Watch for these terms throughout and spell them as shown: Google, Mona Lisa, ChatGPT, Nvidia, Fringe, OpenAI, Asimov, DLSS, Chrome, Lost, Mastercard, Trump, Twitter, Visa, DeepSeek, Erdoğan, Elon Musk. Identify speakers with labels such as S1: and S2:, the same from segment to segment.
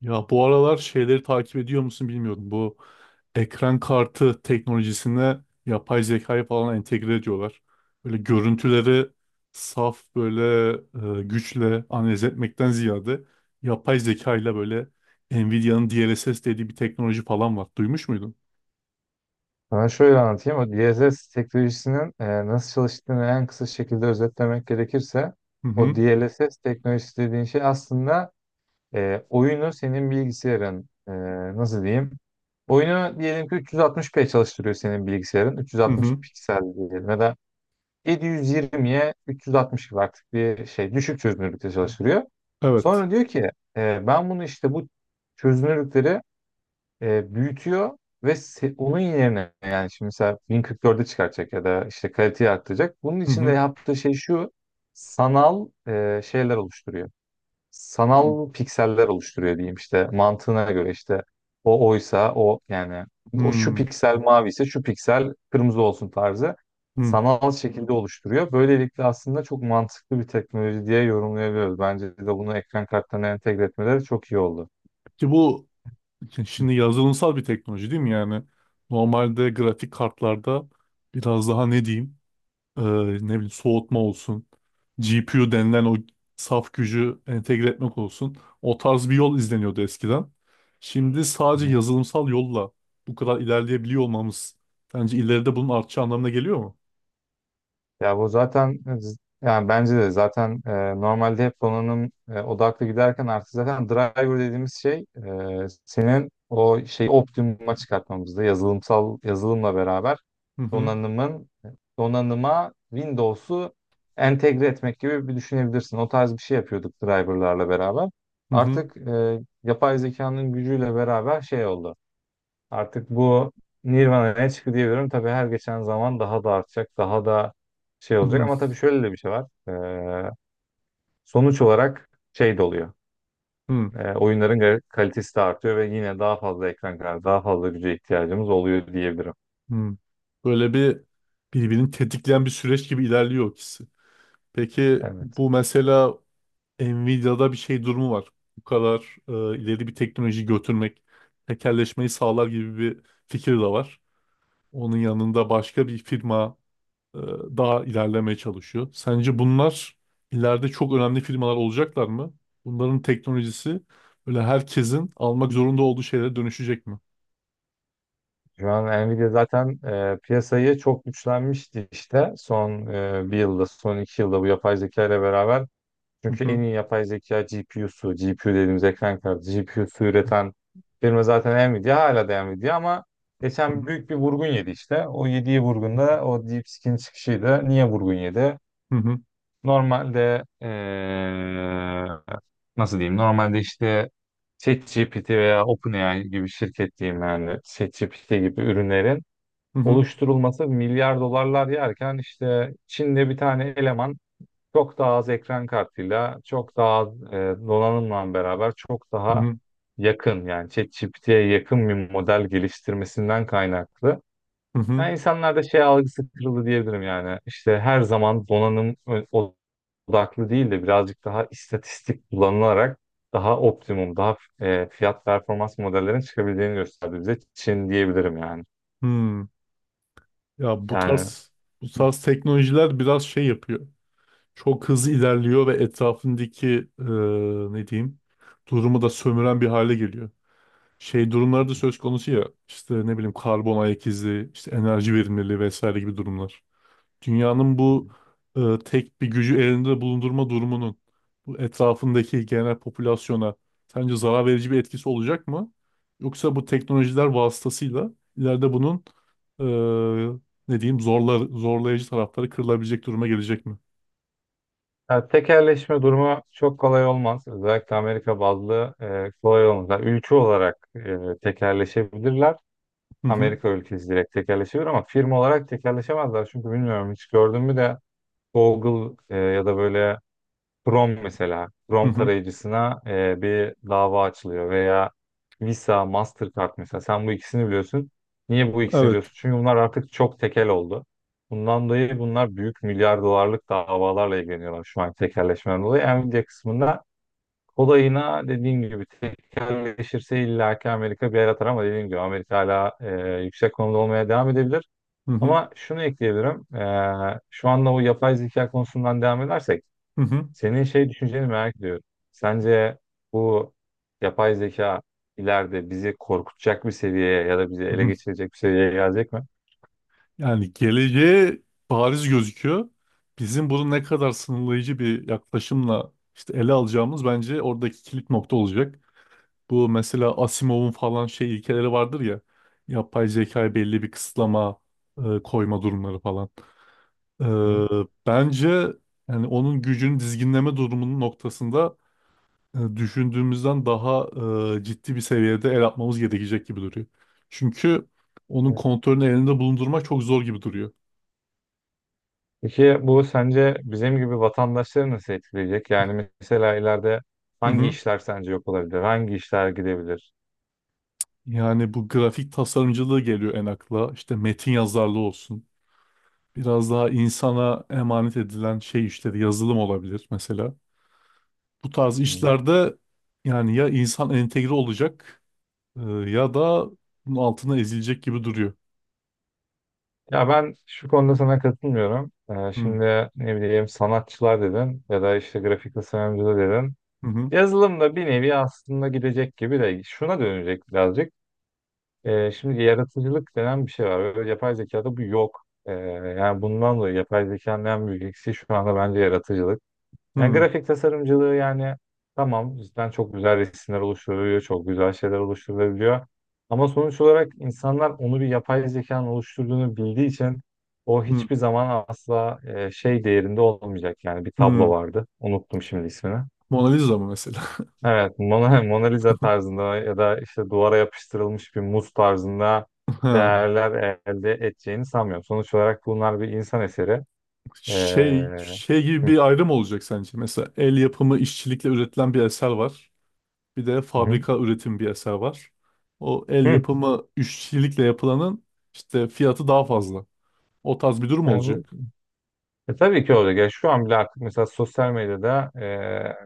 S1: Ya bu aralar şeyleri takip ediyor musun bilmiyorum. Bu ekran kartı teknolojisine yapay zekayı falan entegre ediyorlar. Böyle görüntüleri saf böyle güçle analiz etmekten ziyade yapay zekayla böyle Nvidia'nın DLSS dediği bir teknoloji falan var. Duymuş muydun?
S2: Sana şöyle anlatayım. O DLSS teknolojisinin nasıl çalıştığını en kısa şekilde özetlemek gerekirse
S1: Hı
S2: o
S1: hı.
S2: DLSS teknolojisi dediğin şey aslında oyunu senin bilgisayarın nasıl diyeyim? Oyunu diyelim ki 360p çalıştırıyor senin bilgisayarın.
S1: Hı
S2: 360
S1: hı.
S2: piksel diyelim ya da 720'ye 360 gibi artık bir şey düşük çözünürlükte çalıştırıyor.
S1: Evet.
S2: Sonra diyor ki ben bunu işte bu çözünürlükleri büyütüyor ve onun yerine yani şimdi mesela 1044'e çıkartacak ya da işte kaliteyi arttıracak. Bunun
S1: Hı
S2: için de
S1: hı.
S2: yaptığı şey şu, sanal şeyler oluşturuyor.
S1: Hı
S2: Sanal pikseller oluşturuyor diyeyim işte, mantığına göre işte o oysa o yani o şu
S1: hı.
S2: piksel mavi ise şu piksel kırmızı olsun tarzı
S1: Hı.
S2: sanal şekilde oluşturuyor. Böylelikle aslında çok mantıklı bir teknoloji diye yorumlayabiliyoruz. Bence de bunu ekran kartlarına entegre etmeleri çok iyi oldu.
S1: Ki bu şimdi yazılımsal bir teknoloji değil mi yani? Normalde grafik kartlarda biraz daha ne diyeyim? Ne bileyim, soğutma olsun, GPU denilen o saf gücü entegre etmek olsun. O tarz bir yol izleniyordu eskiden. Şimdi sadece
S2: Evet.
S1: yazılımsal yolla bu kadar ilerleyebiliyor olmamız bence ileride bunun artacağı anlamına geliyor mu?
S2: Ya bu zaten yani bence de zaten normalde hep donanım odaklı giderken artık zaten driver dediğimiz şey senin o şey optimuma çıkartmamızda yazılımsal yazılımla beraber
S1: Hı
S2: donanımın, donanıma Windows'u entegre etmek gibi bir düşünebilirsin. O tarz bir şey yapıyorduk driverlarla beraber.
S1: hı. Hı
S2: Artık yapay zekanın gücüyle beraber şey oldu. Artık bu Nirvana'ya çıktı diyebilirim. Tabii her geçen zaman daha da artacak, daha da şey olacak.
S1: hı.
S2: Ama tabii şöyle de bir şey var. Ee, Sonuç olarak şey de oluyor.
S1: Hı
S2: Oyunların kalitesi de artıyor ve yine daha fazla ekran kartı, daha fazla güce ihtiyacımız oluyor diyebilirim.
S1: hı. Hı. Böyle bir birbirini tetikleyen bir süreç gibi ilerliyor ikisi. Peki
S2: Evet.
S1: bu mesela Nvidia'da bir şey durumu var. Bu kadar ileri bir teknoloji götürmek tekelleşmeyi sağlar gibi bir fikir de var. Onun yanında başka bir firma e, daha ilerlemeye çalışıyor. Sence bunlar ileride çok önemli firmalar olacaklar mı? Bunların teknolojisi böyle herkesin almak zorunda olduğu şeylere dönüşecek mi?
S2: Şu an Nvidia zaten piyasayı çok güçlenmişti işte. Son bir yılda, son iki yılda bu yapay zeka ile beraber.
S1: Hı
S2: Çünkü en
S1: hı,
S2: iyi yapay zeka GPU'su, GPU dediğimiz ekran kartı, GPU'su üreten firma zaten Nvidia, hala da Nvidia, ama geçen
S1: hı
S2: büyük bir vurgun yedi işte. O yediği vurgunda o DeepSeek'in çıkışıydı. Niye vurgun yedi?
S1: hı,
S2: Normalde nasıl diyeyim? Normalde işte ChatGPT veya OpenAI gibi şirket diyeyim, yani ChatGPT gibi ürünlerin
S1: hı hı,
S2: oluşturulması milyar dolarlar yerken işte Çin'de bir tane eleman çok daha az ekran kartıyla, çok daha az donanımla beraber çok
S1: hı
S2: daha
S1: hı,
S2: yakın, yani ChatGPT'ye yakın bir model geliştirmesinden kaynaklı.
S1: hı hı,
S2: Yani insanlarda şey algısı kırıldı diyebilirim yani. İşte her zaman donanım odaklı değil de birazcık daha istatistik kullanılarak daha optimum, daha fiyat performans modellerin çıkabildiğini gösterdi bize Çin diyebilirim yani.
S1: hı. Ya bu
S2: Yani
S1: tarz bu tarz teknolojiler biraz şey yapıyor. Çok hızlı ilerliyor ve etrafındaki e, ne diyeyim, durumu da sömüren bir hale geliyor. Şey durumlar da söz konusu ya, işte ne bileyim, karbon ayak izi, işte enerji verimliliği vesaire gibi durumlar. Dünyanın bu tek bir gücü elinde bulundurma durumunun bu etrafındaki genel popülasyona sence zarar verici bir etkisi olacak mı? Yoksa bu teknolojiler vasıtasıyla ileride bunun e, ne diyeyim, zorlayıcı tarafları kırılabilecek duruma gelecek mi?
S2: Ya tekelleşme durumu çok kolay olmaz. Özellikle Amerika bazlı kolay olmaz. Yani ülke olarak tekelleşebilirler.
S1: Hı hı.
S2: Amerika ülkesi direkt tekelleşebilir ama firma olarak tekelleşemezler. Çünkü bilmiyorum, hiç gördün mü de Google ya da böyle Chrome, mesela
S1: Hı
S2: Chrome
S1: hı.
S2: tarayıcısına bir dava açılıyor veya Visa, Mastercard, mesela sen bu ikisini biliyorsun. Niye bu ikisini
S1: Evet.
S2: biliyorsun? Çünkü bunlar artık çok tekel oldu. Bundan dolayı bunlar büyük milyar dolarlık davalarla ilgileniyorlar şu an tekelleşmeden dolayı. Nvidia kısmında kolayına dediğim gibi tekelleşirse illaki Amerika bir yer atar ama dediğim gibi Amerika hala yüksek konumda olmaya devam edebilir.
S1: Hı hı.
S2: Ama şunu ekleyebilirim. Şu anda o yapay zeka konusundan devam edersek
S1: Hı hı.
S2: senin şey düşünceni merak ediyorum. Sence bu yapay zeka ileride bizi korkutacak bir seviyeye ya da bizi
S1: Hı
S2: ele
S1: hı.
S2: geçirecek bir seviyeye gelecek mi?
S1: Yani geleceğe bariz gözüküyor. Bizim bunu ne kadar sınırlayıcı bir yaklaşımla işte ele alacağımız bence oradaki kilit nokta olacak. Bu mesela Asimov'un falan şey ilkeleri vardır ya. Yapay zekaya belli bir kısıtlama koyma durumları falan. E,
S2: Hı.
S1: Bence, yani onun gücünü dizginleme durumunun noktasında düşündüğümüzden daha ciddi bir seviyede el atmamız gerekecek gibi duruyor. Çünkü onun
S2: Evet.
S1: kontrolünü elinde bulundurmak çok zor gibi duruyor.
S2: Peki bu sence bizim gibi vatandaşları nasıl etkileyecek? Yani mesela ileride
S1: Hı
S2: hangi
S1: hı.
S2: işler sence yok olabilir? Hangi işler gidebilir?
S1: Yani bu grafik tasarımcılığı geliyor en akla. İşte metin yazarlığı olsun. Biraz daha insana emanet edilen şey işleri yazılım olabilir mesela. Bu tarz
S2: Hı.
S1: işlerde yani ya insan entegre olacak ya da bunun altına ezilecek gibi duruyor.
S2: Ya ben şu konuda sana katılmıyorum.
S1: Hı
S2: Şimdi ne bileyim, sanatçılar dedin ya da işte grafik tasarımcılar dedin.
S1: hı hı
S2: Yazılım da bir nevi aslında gidecek gibi de, şuna dönecek birazcık. Şimdi yaratıcılık denen bir şey var. Ve yapay zekada bu yok. Yani bundan dolayı yapay zekanın en büyük eksiği şu anda bence yaratıcılık. Yani
S1: hı
S2: grafik tasarımcılığı, yani tamam, cidden çok güzel resimler oluşturuluyor, çok güzel şeyler oluşturulabiliyor. Ama sonuç olarak insanlar onu bir yapay zekanın oluşturduğunu bildiği için o
S1: hı.
S2: hiçbir zaman asla şey değerinde olmayacak. Yani bir tablo
S1: Hı.
S2: vardı. Unuttum şimdi ismini.
S1: Mona Lisa mı
S2: Evet, Mona, Mona Lisa tarzında ya da işte duvara yapıştırılmış bir muz tarzında
S1: mesela?
S2: değerler elde edeceğini sanmıyorum. Sonuç olarak bunlar bir insan eseri. Ee,
S1: Şey şey gibi
S2: hı,
S1: bir ayrım olacak sence? Mesela el yapımı işçilikle üretilen bir eser var. Bir de
S2: hı,
S1: fabrika üretim bir eser var. O el
S2: hı.
S1: yapımı işçilikle yapılanın işte fiyatı daha fazla. O tarz bir durum
S2: Yani bu,
S1: olacak.
S2: tabii ki olacak. Ya şu an bile artık mesela sosyal medyada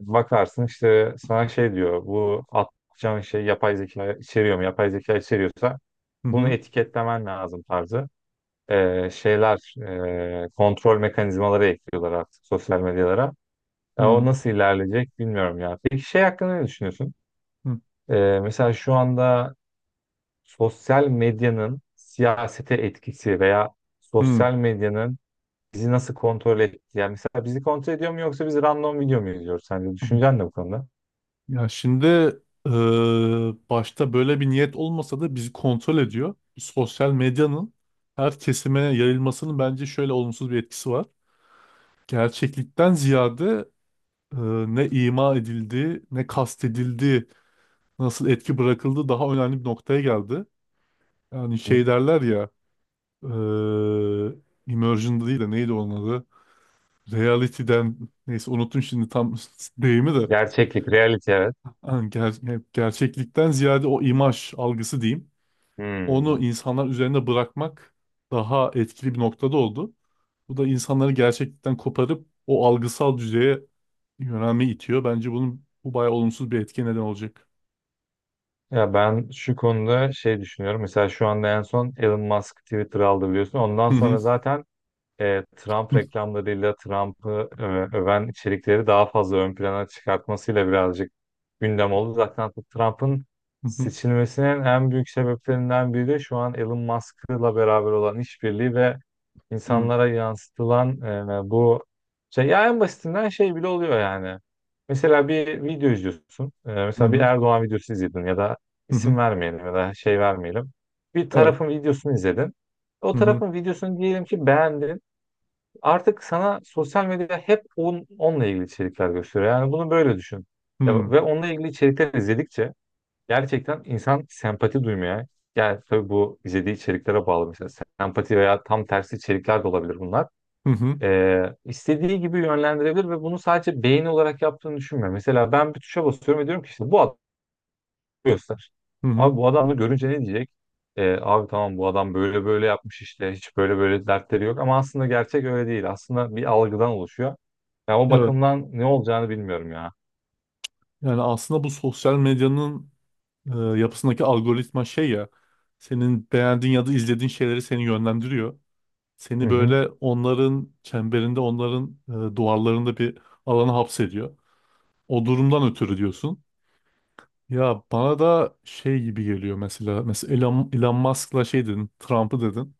S2: bakarsın işte, sana şey diyor, bu atacağın şey yapay zeka içeriyor mu? Yapay zeka içeriyorsa
S1: Hı
S2: bunu
S1: hı.
S2: etiketlemen lazım tarzı şeyler, kontrol mekanizmaları ekliyorlar artık sosyal medyalara. Ya o
S1: Hı
S2: nasıl ilerleyecek bilmiyorum ya. Peki şey hakkında ne düşünüyorsun?
S1: hı.
S2: Mesela şu anda sosyal medyanın siyasete etkisi veya
S1: Hı.
S2: sosyal medyanın bizi nasıl kontrol ettiği. Yani mesela bizi kontrol ediyor mu, yoksa biz random video mu izliyoruz sence? Düşüncen ne bu konuda?
S1: Ya şimdi eee, başta böyle bir niyet olmasa da bizi kontrol ediyor. Sosyal medyanın her kesime yayılmasının bence şöyle olumsuz bir etkisi var. Gerçeklikten ziyade e, ne ima edildi, ne kastedildi, nasıl etki bırakıldı daha önemli bir noktaya geldi. Yani
S2: Hı?
S1: şey derler ya, immersion'da değil de neydi onun adı? Reality'den, neyse unuttum şimdi tam deyimi de.
S2: Gerçeklik, reality, evet.
S1: Yani gerçeklikten ziyade o imaj algısı diyeyim. Onu
S2: Hmm.
S1: insanlar üzerinde bırakmak daha etkili bir noktada oldu. Bu da insanları gerçeklikten koparıp o algısal düzeye yönelme itiyor. Bence bunun bu bayağı olumsuz bir etki neden olacak.
S2: Ya ben şu konuda şey düşünüyorum. Mesela şu anda en son Elon Musk Twitter aldı biliyorsun. Ondan sonra zaten Trump
S1: Hı
S2: reklamlarıyla Trump'ı öven içerikleri daha fazla ön plana çıkartmasıyla birazcık gündem oldu. Zaten Trump'ın
S1: hı,
S2: seçilmesinin en büyük sebeplerinden biri de şu an Elon Musk'la beraber olan işbirliği ve
S1: hı
S2: insanlara yansıtılan bu şey, ya en basitinden şey bile oluyor yani. Mesela bir video izliyorsun. E,
S1: hı,
S2: mesela bir
S1: hı
S2: Erdoğan videosu izledin ya da
S1: hı hı.
S2: isim vermeyelim ya da şey vermeyelim. Bir
S1: Evet.
S2: tarafın videosunu izledin. O
S1: Hı hı,
S2: tarafın videosunu diyelim ki beğendin, artık sana sosyal medya hep onunla ilgili içerikler gösteriyor. Yani bunu böyle düşün. Ya,
S1: hı
S2: ve onunla ilgili içerikler izledikçe gerçekten insan sempati duymaya, yani tabii bu izlediği içeriklere bağlı, mesela sempati veya tam tersi içerikler de olabilir bunlar.
S1: hı,
S2: İstediği gibi yönlendirebilir ve bunu sadece beğeni olarak yaptığını düşünmüyor. Mesela ben bir tuşa basıyorum ve diyorum ki işte bu, göster.
S1: hı hı.
S2: Abi bu adamı görünce ne diyecek? Abi tamam, bu adam böyle böyle yapmış işte, hiç böyle böyle dertleri yok ama aslında gerçek öyle değil. Aslında bir algıdan oluşuyor. Ya o
S1: Evet.
S2: bakımdan ne olacağını bilmiyorum ya.
S1: Yani aslında bu sosyal medyanın yapısındaki algoritma şey ya, senin beğendiğin ya da izlediğin şeyleri seni yönlendiriyor.
S2: Hı
S1: Seni
S2: hı.
S1: böyle onların çemberinde, onların duvarlarında bir alana hapsediyor. O durumdan ötürü diyorsun. Ya bana da şey gibi geliyor mesela. Mesela Elon Musk'la şey dedin, Trump'ı dedin.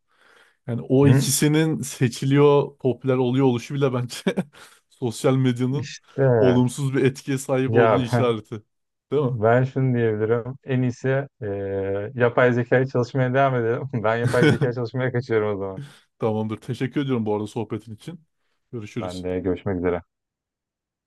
S1: Yani o
S2: Hı.
S1: ikisinin seçiliyor, popüler oluyor oluşu bile bence sosyal medyanın
S2: İşte
S1: olumsuz bir etkiye sahip olduğunu
S2: ya, ben
S1: işareti. Değil mi?
S2: ben şunu diyebilirim. En iyisi e, yapay zekayı çalışmaya devam edelim. Ben yapay zeka çalışmaya kaçıyorum o zaman.
S1: Tamamdır. Teşekkür ediyorum bu arada sohbetin için.
S2: Ben
S1: Görüşürüz.
S2: de görüşmek üzere.